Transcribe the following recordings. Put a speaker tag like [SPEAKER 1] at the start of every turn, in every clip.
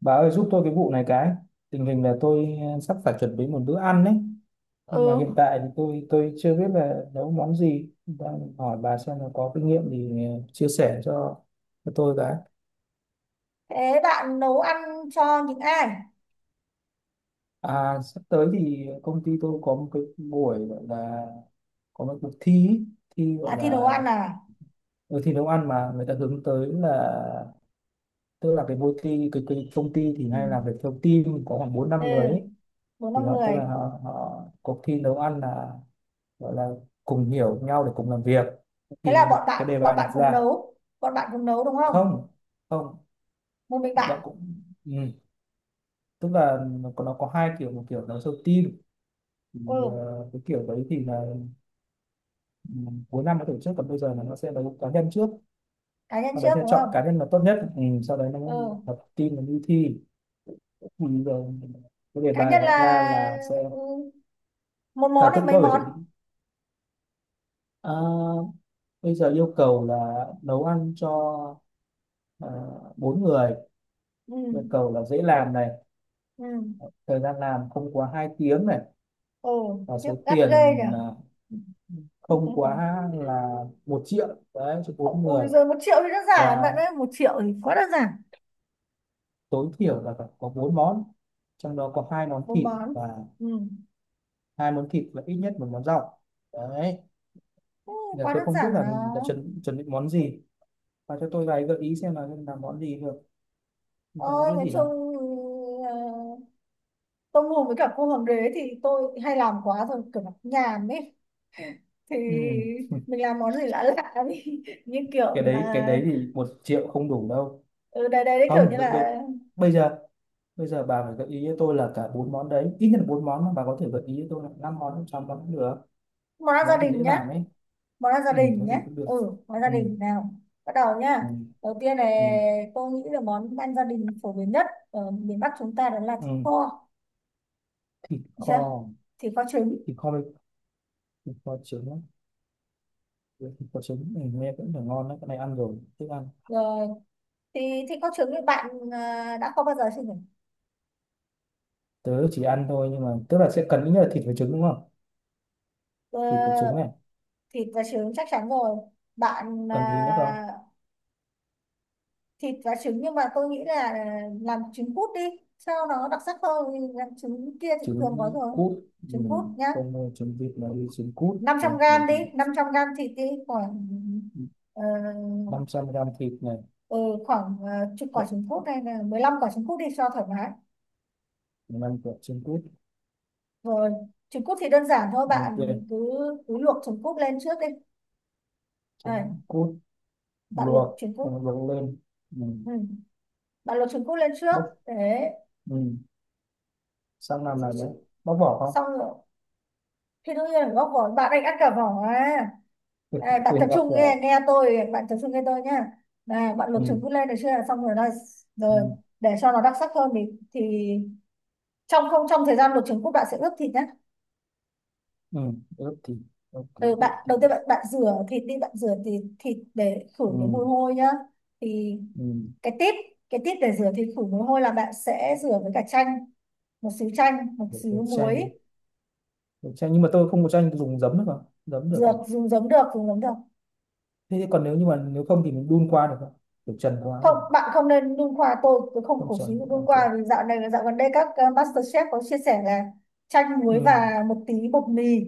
[SPEAKER 1] Bà ơi giúp tôi cái vụ này cái tình hình là tôi sắp phải chuẩn bị một bữa ăn đấy.
[SPEAKER 2] Ừ.
[SPEAKER 1] Nhưng mà hiện tại thì tôi chưa biết là nấu món gì, đang hỏi bà xem là có kinh nghiệm thì chia sẻ cho tôi cái.
[SPEAKER 2] Thế bạn nấu ăn cho những ai?
[SPEAKER 1] À, sắp tới thì công ty tôi có một cái buổi gọi là, có một cuộc thi ý. Thi gọi
[SPEAKER 2] À, thì nấu ăn
[SPEAKER 1] là,
[SPEAKER 2] à?
[SPEAKER 1] ừ, thi nấu ăn mà người ta hướng tới là, tức là cái môi thi cái công ty thì hay làm việc
[SPEAKER 2] ừ
[SPEAKER 1] theo team có khoảng bốn
[SPEAKER 2] ừ
[SPEAKER 1] năm người ấy.
[SPEAKER 2] Bốn năm
[SPEAKER 1] Thì họ tức
[SPEAKER 2] người.
[SPEAKER 1] là họ, họ cuộc thi nấu ăn là gọi là cùng hiểu nhau để cùng làm việc.
[SPEAKER 2] Thế là
[SPEAKER 1] Thì một
[SPEAKER 2] bọn
[SPEAKER 1] cái đề
[SPEAKER 2] bạn
[SPEAKER 1] bài
[SPEAKER 2] bọn bạn
[SPEAKER 1] đặt
[SPEAKER 2] cùng
[SPEAKER 1] ra,
[SPEAKER 2] nấu, đúng không?
[SPEAKER 1] không, không,
[SPEAKER 2] Một mình
[SPEAKER 1] bạn
[SPEAKER 2] bạn?
[SPEAKER 1] cũng, ừ. Tức là nó có hai kiểu, một kiểu đấu sâu team thì,
[SPEAKER 2] Ừ,
[SPEAKER 1] cái kiểu đấy thì là, ừ, cuối năm nó tổ chức, còn bây giờ là nó sẽ đấu cá nhân trước,
[SPEAKER 2] cá nhân
[SPEAKER 1] sau đấy
[SPEAKER 2] trước
[SPEAKER 1] sẽ
[SPEAKER 2] đúng
[SPEAKER 1] chọn
[SPEAKER 2] không?
[SPEAKER 1] cá nhân là tốt nhất, ừ, sau đấy nó
[SPEAKER 2] Ừ,
[SPEAKER 1] tập lập team nó đi thi. Thì giờ cái đề
[SPEAKER 2] cá
[SPEAKER 1] bài
[SPEAKER 2] nhân
[SPEAKER 1] họ ra
[SPEAKER 2] là.
[SPEAKER 1] là sẽ
[SPEAKER 2] Ừ. Một món
[SPEAKER 1] là
[SPEAKER 2] hay
[SPEAKER 1] tự
[SPEAKER 2] mấy
[SPEAKER 1] tôi phải
[SPEAKER 2] món?
[SPEAKER 1] chuẩn bị. À, bây giờ yêu cầu là nấu ăn cho, à, bốn người,
[SPEAKER 2] ừ
[SPEAKER 1] yêu cầu là dễ làm này,
[SPEAKER 2] ừ
[SPEAKER 1] thời gian làm không quá 2 tiếng này,
[SPEAKER 2] ừ
[SPEAKER 1] và
[SPEAKER 2] Khiếp,
[SPEAKER 1] số
[SPEAKER 2] gắt
[SPEAKER 1] tiền,
[SPEAKER 2] ghê nhỉ.
[SPEAKER 1] không quá là một triệu, đấy, cho bốn người.
[SPEAKER 2] Ui rồi, 1 triệu thì đơn giản
[SPEAKER 1] Và
[SPEAKER 2] bạn ơi, 1 triệu thì quá đơn giản.
[SPEAKER 1] tối thiểu là phải có bốn món, trong đó có hai món
[SPEAKER 2] Bốn
[SPEAKER 1] thịt
[SPEAKER 2] món.
[SPEAKER 1] và,
[SPEAKER 2] Ừ.
[SPEAKER 1] hai món thịt và ít nhất một món rau, đấy.
[SPEAKER 2] Ừ.
[SPEAKER 1] Giờ
[SPEAKER 2] Quá
[SPEAKER 1] tôi
[SPEAKER 2] đơn
[SPEAKER 1] không biết
[SPEAKER 2] giản
[SPEAKER 1] là
[SPEAKER 2] mà.
[SPEAKER 1] mình đã chuẩn chuẩn bị món gì, và cho tôi vài gợi ý xem là làm món gì được. Tôi không
[SPEAKER 2] Ôi,
[SPEAKER 1] biết
[SPEAKER 2] nói
[SPEAKER 1] gì
[SPEAKER 2] chung
[SPEAKER 1] đâu.
[SPEAKER 2] tôm hùm với cả cua hoàng đế thì tôi hay làm quá rồi, kiểu nó nhàm ấy. thì
[SPEAKER 1] Ừ.
[SPEAKER 2] mình làm món gì lạ lạ đi. Như kiểu
[SPEAKER 1] cái đấy cái
[SPEAKER 2] là,
[SPEAKER 1] đấy thì một triệu không đủ đâu.
[SPEAKER 2] ừ, đây đây đấy, kiểu như
[SPEAKER 1] Không, bây bây
[SPEAKER 2] là
[SPEAKER 1] bây giờ, bây giờ bà phải gợi ý cho tôi là cả bốn món đấy, ít nhất là bốn món, mà bà có thể gợi ý cho tôi là năm món, sáu món cũng được,
[SPEAKER 2] món ăn gia
[SPEAKER 1] món gì dễ
[SPEAKER 2] đình nhá.
[SPEAKER 1] làm ấy.
[SPEAKER 2] Món ăn gia
[SPEAKER 1] Ừ, thế
[SPEAKER 2] đình
[SPEAKER 1] thì
[SPEAKER 2] nhá.
[SPEAKER 1] cũng được.
[SPEAKER 2] Ừ, món gia
[SPEAKER 1] Ừ,
[SPEAKER 2] đình nào. Bắt đầu
[SPEAKER 1] ừ,
[SPEAKER 2] nhá. Đầu tiên này,
[SPEAKER 1] ừ,
[SPEAKER 2] tôi nghĩ là món ăn gia đình phổ biến nhất ở miền Bắc chúng ta đó là thịt
[SPEAKER 1] ừ.
[SPEAKER 2] kho.
[SPEAKER 1] Thịt
[SPEAKER 2] Được
[SPEAKER 1] kho,
[SPEAKER 2] chưa? Thịt kho trứng.
[SPEAKER 1] thịt kho với, thịt kho trứng, á. Với thịt kho trứng, ừ, nghe cũng là ngon đấy, cái này ăn rồi, thích ăn.
[SPEAKER 2] Rồi, thì thịt kho trứng thì bạn à, đã kho bao giờ chưa nhỉ?
[SPEAKER 1] Tớ chỉ ăn thôi, nhưng mà tức là sẽ cần ít nhất là thịt với trứng đúng không?
[SPEAKER 2] Ờ,
[SPEAKER 1] Thịt với trứng này,
[SPEAKER 2] thịt và trứng chắc chắn rồi bạn
[SPEAKER 1] cần gì nữa không?
[SPEAKER 2] à, thịt và trứng. Nhưng mà tôi nghĩ là làm trứng cút đi cho nó đặc sắc hơn, vì làm trứng kia thì thường có
[SPEAKER 1] Trứng
[SPEAKER 2] rồi.
[SPEAKER 1] cút, ừ,
[SPEAKER 2] Trứng cút nhá.
[SPEAKER 1] không mua trứng vịt mà đi trứng cút,
[SPEAKER 2] năm trăm
[SPEAKER 1] không,
[SPEAKER 2] gram đi, 500 gram thịt đi. khoảng ờ,
[SPEAKER 1] 500 gram thịt này,
[SPEAKER 2] ừ, khoảng ờ, chục quả trứng cút hay là 15 quả trứng cút đi cho thoải mái.
[SPEAKER 1] 5 quả trứng cút,
[SPEAKER 2] Rồi, trứng cút thì đơn giản thôi,
[SPEAKER 1] ok.
[SPEAKER 2] bạn cứ cứ luộc trứng cút lên trước đi. Đây,
[SPEAKER 1] Trứng cút
[SPEAKER 2] bạn
[SPEAKER 1] luộc
[SPEAKER 2] luộc trứng cút.
[SPEAKER 1] xong, luộc lên mình
[SPEAKER 2] Ừ, bạn luộc trứng cút lên trước
[SPEAKER 1] bóc,
[SPEAKER 2] để
[SPEAKER 1] ừ, sang làm
[SPEAKER 2] xong
[SPEAKER 1] này đấy. Bóc vỏ không?
[SPEAKER 2] xong rồi. Khi đương nhiên là gốc vỏ, bạn anh ăn cả vỏ à?
[SPEAKER 1] Thịt
[SPEAKER 2] Ê, bạn
[SPEAKER 1] thịt
[SPEAKER 2] tập
[SPEAKER 1] gặp
[SPEAKER 2] trung
[SPEAKER 1] là,
[SPEAKER 2] nghe, nghe tôi, bạn tập trung nghe tôi nhá. Này bạn lục
[SPEAKER 1] ừ.
[SPEAKER 2] chúng cứ lên, được chưa? Xong rồi đây.
[SPEAKER 1] Ừ.
[SPEAKER 2] Rồi, để cho nó đặc sắc hơn thì thì trong không trong thời gian luộc trứng cút, bạn sẽ ướp thịt nhé.
[SPEAKER 1] Ừ. Ướp thịt, ok,
[SPEAKER 2] Ừ, bạn
[SPEAKER 1] ướp thịt,
[SPEAKER 2] đầu tiên bạn bạn rửa thịt đi, bạn rửa thịt, để khử cái
[SPEAKER 1] ừ.
[SPEAKER 2] mùi hôi nhá. thì
[SPEAKER 1] Ừ.
[SPEAKER 2] cái tip, để rửa thịt khử mùi hôi là bạn sẽ rửa với cả chanh, một xíu chanh một
[SPEAKER 1] Được cái
[SPEAKER 2] xíu
[SPEAKER 1] chanh,
[SPEAKER 2] muối.
[SPEAKER 1] được chanh, nhưng mà tôi không có chanh, tôi dùng giấm được không? Giấm được
[SPEAKER 2] Dược dùng giấm được, dùng giấm được.
[SPEAKER 1] thế, thì còn nếu như mà nếu không thì mình đun qua được không, kiểu trần qua
[SPEAKER 2] Không,
[SPEAKER 1] được
[SPEAKER 2] bạn không nên đun khoa, tôi không
[SPEAKER 1] không?
[SPEAKER 2] cổ suý
[SPEAKER 1] Trần,
[SPEAKER 2] đun
[SPEAKER 1] ok.
[SPEAKER 2] khoa, vì dạo này, dạo gần đây các MasterChef có chia sẻ là chanh
[SPEAKER 1] Ừ.
[SPEAKER 2] muối và một tí bột mì.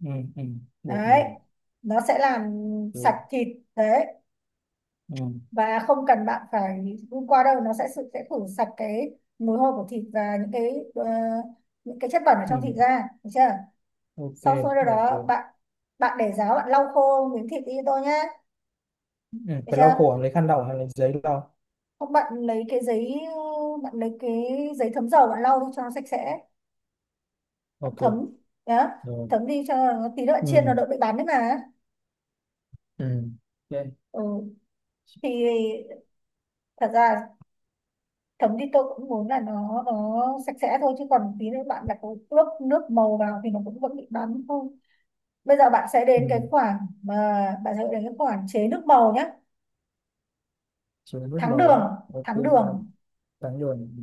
[SPEAKER 1] Ừ. Ừ. Bột
[SPEAKER 2] Đấy,
[SPEAKER 1] mì.
[SPEAKER 2] nó sẽ làm sạch
[SPEAKER 1] Ừ.
[SPEAKER 2] thịt. Đấy,
[SPEAKER 1] Ừ.
[SPEAKER 2] và không cần bạn phải đun qua đâu, nó sẽ sẽ khử sạch cái mùi hôi của thịt và những cái những cái chất bẩn ở
[SPEAKER 1] Ừ.
[SPEAKER 2] trong thịt ra, được chưa?
[SPEAKER 1] Ok,
[SPEAKER 2] Sau khi
[SPEAKER 1] ok.
[SPEAKER 2] đó bạn bạn để ráo, bạn lau khô miếng thịt đi cho tôi nhé.
[SPEAKER 1] Ừ.
[SPEAKER 2] Được
[SPEAKER 1] Phải
[SPEAKER 2] chưa?
[SPEAKER 1] lau khổ, lấy khăn lau hay lấy giấy lau?
[SPEAKER 2] Không, bạn lấy cái giấy, bạn lấy cái giấy thấm dầu, bạn lau đi cho nó sạch sẽ.
[SPEAKER 1] Ok.
[SPEAKER 2] Thấm đó,
[SPEAKER 1] Rồi.
[SPEAKER 2] thấm đi cho nó tí nữa chiên nó
[SPEAKER 1] Ừ.
[SPEAKER 2] đỡ bị bắn đấy mà.
[SPEAKER 1] Ừ. Ok.
[SPEAKER 2] Ừ, thì thật ra thấm đi tôi cũng muốn là nó sạch sẽ thôi, chứ còn tí nữa bạn đặt ướp nước màu vào thì nó cũng vẫn bị bắn thôi. Bây giờ bạn sẽ
[SPEAKER 1] Ừ.
[SPEAKER 2] đến cái khoản mà bạn sẽ đến cái khoản chế nước màu nhé.
[SPEAKER 1] Chỉ nước
[SPEAKER 2] Thắng
[SPEAKER 1] màu á.
[SPEAKER 2] đường,
[SPEAKER 1] Ok.
[SPEAKER 2] thắng đường.
[SPEAKER 1] bán bán rồi. Ừ.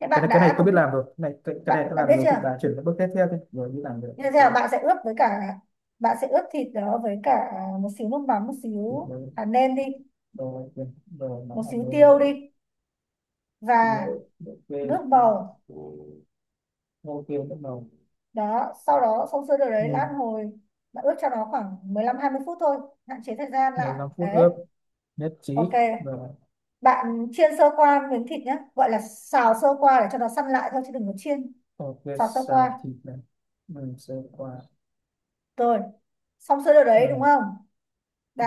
[SPEAKER 2] Thế
[SPEAKER 1] Cái
[SPEAKER 2] bạn
[SPEAKER 1] này cái này
[SPEAKER 2] đã có
[SPEAKER 1] tôi biết
[SPEAKER 2] cái,
[SPEAKER 1] làm rồi, cái này tôi
[SPEAKER 2] đã biết
[SPEAKER 1] làm rồi,
[SPEAKER 2] chưa
[SPEAKER 1] thì bà chuyển cái bước tiếp theo thôi, rồi đi làm được,
[SPEAKER 2] như thế
[SPEAKER 1] ok.
[SPEAKER 2] nào. Bạn sẽ ướp với cả, bạn sẽ ướp thịt đó với cả một xíu nước mắm, một
[SPEAKER 1] Thịt
[SPEAKER 2] xíu
[SPEAKER 1] nướng,
[SPEAKER 2] hạt nêm đi,
[SPEAKER 1] rồi ok, rồi nó
[SPEAKER 2] một
[SPEAKER 1] hạt
[SPEAKER 2] xíu
[SPEAKER 1] nướng
[SPEAKER 2] tiêu
[SPEAKER 1] rồi.
[SPEAKER 2] đi,
[SPEAKER 1] Thịt nướng,
[SPEAKER 2] và nước màu.
[SPEAKER 1] ok, ok, nước màu.
[SPEAKER 2] Đó, sau đó xong sơ đồ đấy,
[SPEAKER 1] Ừ.
[SPEAKER 2] lát hồi bạn ướp cho nó khoảng 15 đến 20 phút thôi, hạn chế thời gian lại
[SPEAKER 1] 15 phút
[SPEAKER 2] đấy.
[SPEAKER 1] ướp, nhất
[SPEAKER 2] Ok,
[SPEAKER 1] trí rồi,
[SPEAKER 2] bạn chiên sơ qua miếng thịt nhé, gọi là xào sơ qua để cho nó săn lại thôi chứ đừng có chiên.
[SPEAKER 1] ok.
[SPEAKER 2] Xào sơ
[SPEAKER 1] Xào
[SPEAKER 2] qua.
[SPEAKER 1] thịt này, mình sẽ qua.
[SPEAKER 2] Rồi, xong sơ đồ đấy đúng
[SPEAKER 1] Ừ.
[SPEAKER 2] không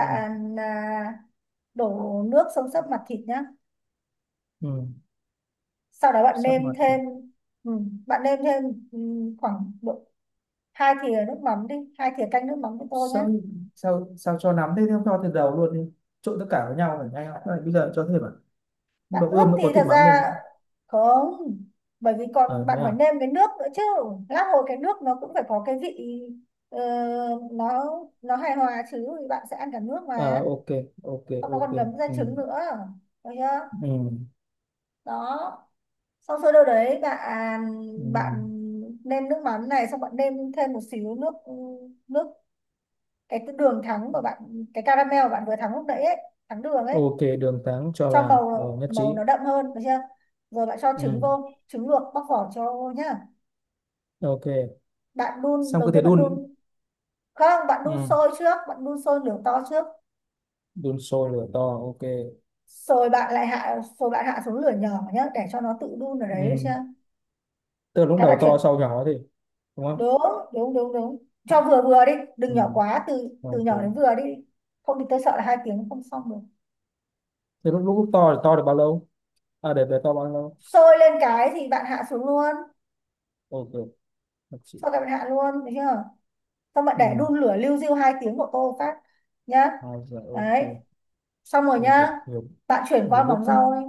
[SPEAKER 1] Ừ.
[SPEAKER 2] à, đổ nước xông xấp mặt thịt nhé.
[SPEAKER 1] Ừ.
[SPEAKER 2] Sau đó bạn
[SPEAKER 1] Sắp
[SPEAKER 2] nêm
[SPEAKER 1] mặt thịt.
[SPEAKER 2] thêm, ừ, bạn nêm thêm, ừ, khoảng độ 2 thìa nước mắm đi, 2 thìa canh nước mắm cho tôi nhé.
[SPEAKER 1] Sao sao sao cho nắm thế, không cho từ đầu luôn đi, trộn tất cả với nhau phải nhanh, không bây giờ cho thêm à,
[SPEAKER 2] Bạn
[SPEAKER 1] đậu
[SPEAKER 2] ướp
[SPEAKER 1] ươm nó
[SPEAKER 2] thì
[SPEAKER 1] có thịt
[SPEAKER 2] thật
[SPEAKER 1] mắm
[SPEAKER 2] ra
[SPEAKER 1] luôn.
[SPEAKER 2] không, bởi vì
[SPEAKER 1] À,
[SPEAKER 2] còn
[SPEAKER 1] thế
[SPEAKER 2] bạn phải
[SPEAKER 1] à?
[SPEAKER 2] nêm cái nước nữa chứ. Lát hồi cái nước nó cũng phải có cái vị, ờ, nó nó hài hòa chứ, thì bạn sẽ ăn cả nước
[SPEAKER 1] À,
[SPEAKER 2] mà.
[SPEAKER 1] ok, ok,
[SPEAKER 2] Xong nó
[SPEAKER 1] ok.
[SPEAKER 2] còn ngấm ra
[SPEAKER 1] Ừ.
[SPEAKER 2] trứng nữa, được chưa?
[SPEAKER 1] Ừ.
[SPEAKER 2] Đó, xong sơ đâu đấy bạn,
[SPEAKER 1] Ừ.
[SPEAKER 2] bạn nêm nước mắm này, xong bạn nêm thêm một xíu nước, nước cái đường thắng của bạn, cái caramel của bạn vừa thắng lúc nãy ấy, thắng đường ấy,
[SPEAKER 1] Ok, đường trắng cho
[SPEAKER 2] cho
[SPEAKER 1] vào
[SPEAKER 2] màu
[SPEAKER 1] rồi, nhất
[SPEAKER 2] màu nó
[SPEAKER 1] trí.
[SPEAKER 2] đậm hơn, được chưa? Rồi bạn cho trứng
[SPEAKER 1] Ừ.
[SPEAKER 2] vô, trứng luộc bóc vỏ cho vô nhá.
[SPEAKER 1] Ok,
[SPEAKER 2] Bạn đun,
[SPEAKER 1] xong
[SPEAKER 2] đầu
[SPEAKER 1] cứ thế
[SPEAKER 2] tiên bạn
[SPEAKER 1] đun.
[SPEAKER 2] đun, không, bạn đun
[SPEAKER 1] Ừ.
[SPEAKER 2] sôi trước, bạn đun sôi lửa to trước.
[SPEAKER 1] Đun sôi lửa to, ok.
[SPEAKER 2] Rồi bạn lại hạ, rồi bạn hạ xuống lửa nhỏ nhá, để cho nó tự đun ở đấy, được chưa?
[SPEAKER 1] Ừ. Tức là lúc
[SPEAKER 2] Cái bạn
[SPEAKER 1] đầu
[SPEAKER 2] chuyển,
[SPEAKER 1] to sau nhỏ thì đúng không?
[SPEAKER 2] đúng, đúng, đúng, đúng. Cho vừa vừa đi, đừng
[SPEAKER 1] Ừ.
[SPEAKER 2] nhỏ quá, từ từ
[SPEAKER 1] Ok.
[SPEAKER 2] nhỏ đến vừa đi, không thì tôi sợ là 2 tiếng không xong được.
[SPEAKER 1] Thế lúc to thì to được bao lâu, để to bao lâu?
[SPEAKER 2] Sôi lên cái thì bạn hạ xuống luôn.
[SPEAKER 1] Ok, nhất trí.
[SPEAKER 2] Sau cái bạn hạ luôn được chưa. Xong bạn để
[SPEAKER 1] Ừ.
[SPEAKER 2] đun lửa liu riu 2 tiếng của tô phát nhá.
[SPEAKER 1] Hai giờ, ok.
[SPEAKER 2] Đấy, xong rồi
[SPEAKER 1] Ui giời,
[SPEAKER 2] nhá.
[SPEAKER 1] nhiều,
[SPEAKER 2] Bạn chuyển
[SPEAKER 1] nhiều
[SPEAKER 2] qua
[SPEAKER 1] bước
[SPEAKER 2] món
[SPEAKER 1] thế.
[SPEAKER 2] rau đi.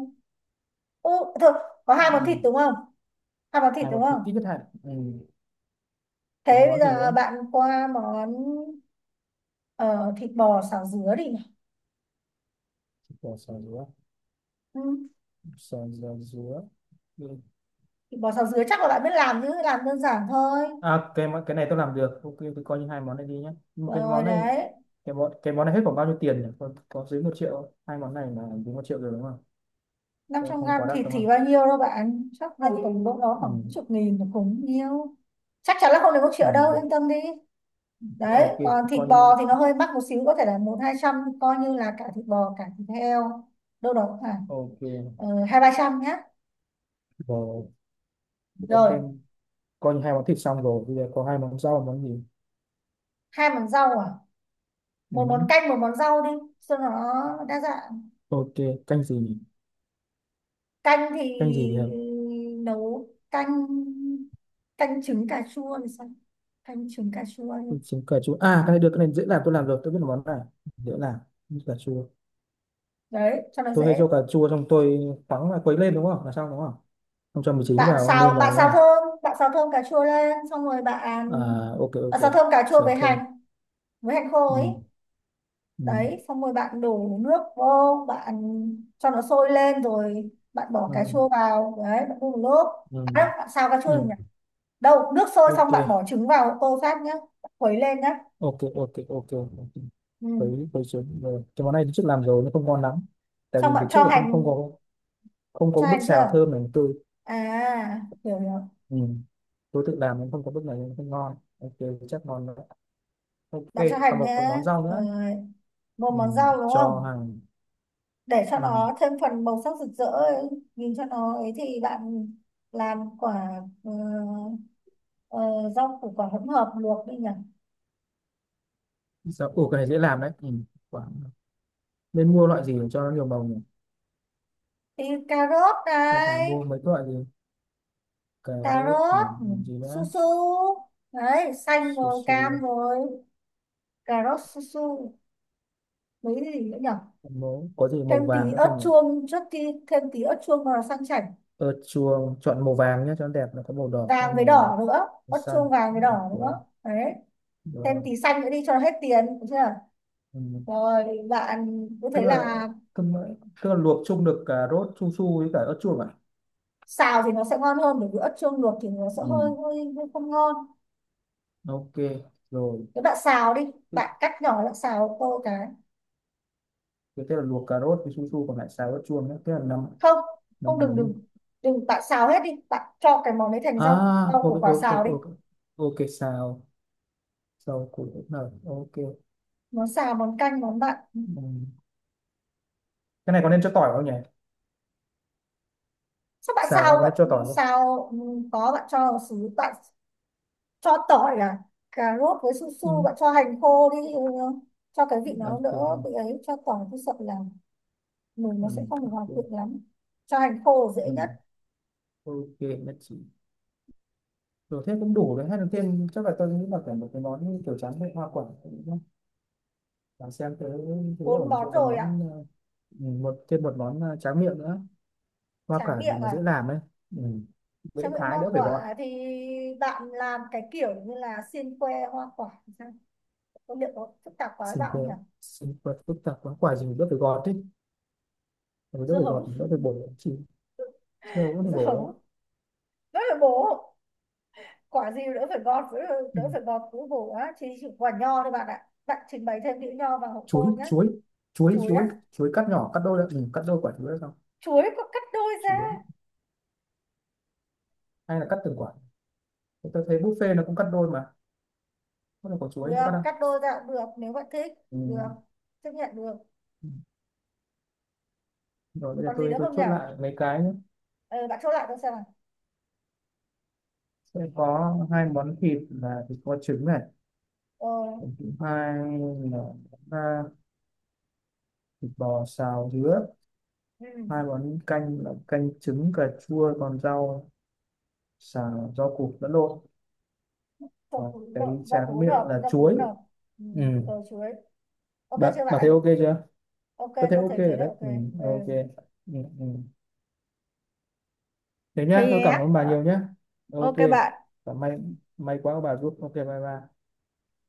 [SPEAKER 2] ừ, Thôi, có hai món thịt
[SPEAKER 1] Ừ.
[SPEAKER 2] đúng không? Hai món thịt
[SPEAKER 1] À mà
[SPEAKER 2] đúng
[SPEAKER 1] thì
[SPEAKER 2] không?
[SPEAKER 1] ít nhất hạn, ừ. Còn
[SPEAKER 2] Thế
[SPEAKER 1] một
[SPEAKER 2] bây
[SPEAKER 1] món gì
[SPEAKER 2] giờ
[SPEAKER 1] nữa?
[SPEAKER 2] bạn qua món, ờ, thịt bò xào dứa đi.
[SPEAKER 1] Bỏ sò dứa,
[SPEAKER 2] Ừ,
[SPEAKER 1] sò dừa dứa. Ừ.
[SPEAKER 2] thịt bò xào dứa chắc là bạn biết làm, chứ làm đơn giản thôi.
[SPEAKER 1] À cái món- cái này tôi làm được, ok, tôi coi như hai món này đi nhé. Nhưng mà cái
[SPEAKER 2] Rồi
[SPEAKER 1] món này,
[SPEAKER 2] đấy.
[SPEAKER 1] cái món này hết khoảng bao nhiêu tiền nhỉ, có dưới một triệu không? Hai món này là dưới một triệu rồi đúng không?
[SPEAKER 2] năm
[SPEAKER 1] Không,
[SPEAKER 2] trăm
[SPEAKER 1] không
[SPEAKER 2] gram
[SPEAKER 1] quá đắt
[SPEAKER 2] thịt
[SPEAKER 1] đúng
[SPEAKER 2] thì
[SPEAKER 1] không?
[SPEAKER 2] bao nhiêu đâu bạn, chắc là tầm đâu đó khoảng mấy
[SPEAKER 1] Ừ.
[SPEAKER 2] chục nghìn là cũng nhiêu. Chắc chắn là không đến một
[SPEAKER 1] Ừ.
[SPEAKER 2] triệu đâu, yên tâm đi. Đấy,
[SPEAKER 1] Ok,
[SPEAKER 2] còn thịt
[SPEAKER 1] coi như,
[SPEAKER 2] bò thì nó hơi mắc một xíu, có thể là một hai trăm. Coi như là cả thịt bò cả thịt heo đâu đó khoảng
[SPEAKER 1] ok,
[SPEAKER 2] hai ba trăm nhé.
[SPEAKER 1] rồi để
[SPEAKER 2] Rồi,
[SPEAKER 1] xem. Coi như hai món thịt xong rồi, bây giờ có hai món rau món gì?
[SPEAKER 2] hai món rau à?
[SPEAKER 1] Ừ.
[SPEAKER 2] Một món canh, một món rau đi cho nó đa dạng.
[SPEAKER 1] Ok. Canh gì nhỉ?
[SPEAKER 2] Canh thì
[SPEAKER 1] Canh gì thì hợp?
[SPEAKER 2] nấu canh, canh trứng cà chua thì sao? Canh trứng cà chua
[SPEAKER 1] Tôi
[SPEAKER 2] đi.
[SPEAKER 1] chấm cà chua à, cái này được, cái này dễ làm, tôi làm rồi, tôi biết là món này dễ làm. Như cà chua,
[SPEAKER 2] Đấy, cho nó
[SPEAKER 1] tôi hay
[SPEAKER 2] dễ.
[SPEAKER 1] cho cà chua xong tôi khoắng là quấy lên đúng không là xong đúng không, không cho mì chính vào nêm vào đúng không?
[SPEAKER 2] Bạn xào thơm cà chua lên, xong rồi
[SPEAKER 1] À,
[SPEAKER 2] bạn
[SPEAKER 1] ok,
[SPEAKER 2] bạn
[SPEAKER 1] ok.
[SPEAKER 2] xào thơm cà chua
[SPEAKER 1] Xào thơm,
[SPEAKER 2] với hành khô ấy.
[SPEAKER 1] ừ, ừ,
[SPEAKER 2] Đấy, xong rồi bạn đổ nước vô, bạn cho nó sôi lên rồi bạn bỏ
[SPEAKER 1] ừ,
[SPEAKER 2] cà chua vào, đấy, bạn đun một lúc.
[SPEAKER 1] ừ.
[SPEAKER 2] À, bạn xào cà chua
[SPEAKER 1] Ừ.
[SPEAKER 2] rồi đâu nước sôi, xong
[SPEAKER 1] Ok,
[SPEAKER 2] bạn bỏ trứng vào tô sát nhá, khuấy lên nhá.
[SPEAKER 1] ok, ok, ok, ok.
[SPEAKER 2] Ừ,
[SPEAKER 1] Quấy quấy xuống rồi. Cái món này tôi trước làm rồi nó không ngon lắm, tại
[SPEAKER 2] xong
[SPEAKER 1] vì
[SPEAKER 2] bạn
[SPEAKER 1] từ
[SPEAKER 2] cho
[SPEAKER 1] trước là không không
[SPEAKER 2] hành,
[SPEAKER 1] có, không có
[SPEAKER 2] cho
[SPEAKER 1] bước
[SPEAKER 2] hành
[SPEAKER 1] xào
[SPEAKER 2] chưa,
[SPEAKER 1] thơm này tôi,
[SPEAKER 2] à hiểu hiểu,
[SPEAKER 1] ừ, tôi tự làm nên không có bước này nên không ngon, ok, chắc ngon nữa, ok.
[SPEAKER 2] bạn cho
[SPEAKER 1] Còn
[SPEAKER 2] hành
[SPEAKER 1] một
[SPEAKER 2] nhá.
[SPEAKER 1] món rau nữa.
[SPEAKER 2] Rồi, một
[SPEAKER 1] Ừ.
[SPEAKER 2] món rau đúng
[SPEAKER 1] Cho
[SPEAKER 2] không,
[SPEAKER 1] hàng.
[SPEAKER 2] để cho
[SPEAKER 1] Ừ.
[SPEAKER 2] nó thêm phần màu sắc rực rỡ ấy, nhìn cho nó ấy thì bạn làm quả ờ, rau củ quả hỗn hợp luộc đi nhỉ.
[SPEAKER 1] Sao ủa, cái này dễ làm đấy. Ừ. Quả, nên mua loại gì để cho nó nhiều màu nhỉ,
[SPEAKER 2] Cà rốt
[SPEAKER 1] không phải
[SPEAKER 2] này,
[SPEAKER 1] mua mấy cái loại gì? Cà
[SPEAKER 2] cà
[SPEAKER 1] rốt
[SPEAKER 2] rốt,
[SPEAKER 1] này,
[SPEAKER 2] ừ,
[SPEAKER 1] làm gì
[SPEAKER 2] su
[SPEAKER 1] nữa?
[SPEAKER 2] su. Đấy, xanh
[SPEAKER 1] Su
[SPEAKER 2] rồi cam
[SPEAKER 1] su.
[SPEAKER 2] rồi, cà rốt su su, mấy gì nữa nhỉ.
[SPEAKER 1] Mố có gì màu
[SPEAKER 2] Thêm
[SPEAKER 1] vàng
[SPEAKER 2] tí
[SPEAKER 1] nữa
[SPEAKER 2] ớt
[SPEAKER 1] không nhỉ?
[SPEAKER 2] chuông, trước khi thêm tí ớt chuông vào sang chảnh.
[SPEAKER 1] Ớt chuông chọn màu vàng nhé, cho nó đẹp, nó có màu đỏ có
[SPEAKER 2] Vàng với
[SPEAKER 1] màu
[SPEAKER 2] đỏ nữa, ớt
[SPEAKER 1] xanh.
[SPEAKER 2] chuông vàng với đỏ
[SPEAKER 1] Ok,
[SPEAKER 2] nữa đấy. Thêm
[SPEAKER 1] rồi.
[SPEAKER 2] tí xanh nữa đi cho nó hết tiền, được chưa?
[SPEAKER 1] Ừ.
[SPEAKER 2] Rồi bạn cứ
[SPEAKER 1] Tức
[SPEAKER 2] thấy
[SPEAKER 1] là,
[SPEAKER 2] là,
[SPEAKER 1] tức là, tức là luộc chung được cà rốt su su với cả ớt chuông à?
[SPEAKER 2] xào thì nó sẽ ngon hơn bởi vì ớt chuông luộc thì nó sẽ
[SPEAKER 1] Ừ.
[SPEAKER 2] hơi hơi không ngon.
[SPEAKER 1] Ok, rồi.
[SPEAKER 2] Nếu bạn xào đi,
[SPEAKER 1] Tức-
[SPEAKER 2] bạn cắt nhỏ lại xào tô cái.
[SPEAKER 1] thế tức là luộc cà rốt với su su còn lại xào ớt chuông nữa thế là năm,
[SPEAKER 2] không không
[SPEAKER 1] năm
[SPEAKER 2] đừng đừng
[SPEAKER 1] mình.
[SPEAKER 2] đừng bạn xào hết đi, bạn cho cái món đấy thành rau,
[SPEAKER 1] À, ok,
[SPEAKER 2] củ quả
[SPEAKER 1] ok,
[SPEAKER 2] xào
[SPEAKER 1] ok,
[SPEAKER 2] đi.
[SPEAKER 1] ok, ok, xào, xào củ hỗn hợp, ok.
[SPEAKER 2] Món xào, món canh, món bạn.
[SPEAKER 1] Ừ. Cái này có nên cho tỏi không nhỉ?
[SPEAKER 2] Sao bạn
[SPEAKER 1] Xào này
[SPEAKER 2] xào,
[SPEAKER 1] có nên cho tỏi không?
[SPEAKER 2] ừ, có, bạn cho vào xứ bạn, cho tỏi à? Cà rốt với su
[SPEAKER 1] Ừ.
[SPEAKER 2] su bạn cho hành khô đi, ừ, cho cái vị nó
[SPEAKER 1] Ok,
[SPEAKER 2] đỡ
[SPEAKER 1] này.
[SPEAKER 2] bị ấy, cho tỏi tôi sợ là mùi nó
[SPEAKER 1] Ừ.
[SPEAKER 2] sẽ không được hòa
[SPEAKER 1] Ok,
[SPEAKER 2] quyện lắm. Cho hành khô là dễ
[SPEAKER 1] ừ,
[SPEAKER 2] nhất.
[SPEAKER 1] ok, nhất trí. Rồi thế cũng đủ đấy, hay là thêm, chắc là tôi nghĩ là phải một cái món như kiểu tráng miệng hoa quả đúng. Và xem thế, thế
[SPEAKER 2] Bốn
[SPEAKER 1] ổn cho,
[SPEAKER 2] món
[SPEAKER 1] còn
[SPEAKER 2] rồi ạ.
[SPEAKER 1] món ừ, một món tráng miệng nữa, hoa
[SPEAKER 2] Chả
[SPEAKER 1] quả gì
[SPEAKER 2] miệng
[SPEAKER 1] mà
[SPEAKER 2] à?
[SPEAKER 1] dễ làm ấy. Ừ. Dễ
[SPEAKER 2] Chả miệng
[SPEAKER 1] thái
[SPEAKER 2] hoa
[SPEAKER 1] đỡ phải gọt.
[SPEAKER 2] quả thì bạn làm cái kiểu như là xiên que hoa quả thì sao? Có liệu có phức tạp quá với
[SPEAKER 1] Xin
[SPEAKER 2] bạn không nhỉ?
[SPEAKER 1] thưa, xin phép phức tạp quá, quả gì mà đỡ phải gọt ý, rồi đỡ
[SPEAKER 2] Dưa
[SPEAKER 1] phải gọt
[SPEAKER 2] hấu.
[SPEAKER 1] đỡ phải bổ chỉ, chưa có phải
[SPEAKER 2] Dưa
[SPEAKER 1] bổ.
[SPEAKER 2] hấu, đỡ phải bổ. Quả gì đỡ phải gọt đỡ,
[SPEAKER 1] Ừ.
[SPEAKER 2] đỡ phải gọt, cứ bổ á, chỉ quả nho thôi bạn ạ, bạn trình bày thêm đĩa nho vào hộ
[SPEAKER 1] chuối
[SPEAKER 2] tôi nhé.
[SPEAKER 1] chuối chuối
[SPEAKER 2] Chuối
[SPEAKER 1] chuối
[SPEAKER 2] á?
[SPEAKER 1] chuối. Cắt nhỏ cắt đôi lại, ừ, cắt đôi quả chuối ra xong.
[SPEAKER 2] Chuối có cắt đôi ra?
[SPEAKER 1] Chuối hay là cắt từng quả? Tôi thấy buffet nó cũng cắt đôi mà, có là quả chuối có
[SPEAKER 2] Được
[SPEAKER 1] cắt đâu.
[SPEAKER 2] cắt đôi ra, được, nếu bạn thích.
[SPEAKER 1] Ừ.
[SPEAKER 2] Được, chấp nhận được.
[SPEAKER 1] Ừ. Rồi bây giờ
[SPEAKER 2] Còn gì
[SPEAKER 1] tôi
[SPEAKER 2] nữa
[SPEAKER 1] tôi
[SPEAKER 2] không nhỉ?
[SPEAKER 1] chốt lại mấy cái nhé.
[SPEAKER 2] Ờ, bạn chốt lại tôi xem nào.
[SPEAKER 1] Sẽ có hai món thịt là thịt kho trứng này,
[SPEAKER 2] Ờ.
[SPEAKER 1] món thứ hai là, à, thịt bò xào dứa.
[SPEAKER 2] Ừ.
[SPEAKER 1] Hai món canh là canh trứng cà chua, còn rau xào rau củ lẫn lộn, và cái
[SPEAKER 2] Rau củ
[SPEAKER 1] tráng
[SPEAKER 2] hỗn
[SPEAKER 1] miệng
[SPEAKER 2] hợp,
[SPEAKER 1] là
[SPEAKER 2] rau củ
[SPEAKER 1] chuối.
[SPEAKER 2] hỗn hợp. Ừ.
[SPEAKER 1] Ừ.
[SPEAKER 2] Rồi, chuối. Ok
[SPEAKER 1] bạn
[SPEAKER 2] chưa
[SPEAKER 1] bạn thấy
[SPEAKER 2] bạn?
[SPEAKER 1] ok chưa?
[SPEAKER 2] Ok,
[SPEAKER 1] Có thấy
[SPEAKER 2] có
[SPEAKER 1] ok
[SPEAKER 2] thể thấy
[SPEAKER 1] rồi
[SPEAKER 2] là
[SPEAKER 1] đấy,
[SPEAKER 2] ok.
[SPEAKER 1] ừ,
[SPEAKER 2] Ừ.
[SPEAKER 1] ok, ừ, ừ. Thế
[SPEAKER 2] Thế
[SPEAKER 1] nhá, tôi cảm
[SPEAKER 2] nhé.
[SPEAKER 1] ơn bà
[SPEAKER 2] Ờ,
[SPEAKER 1] nhiều nhá. Ok,
[SPEAKER 2] ok bạn.
[SPEAKER 1] và may, may quá bà giúp, ok, bye bye.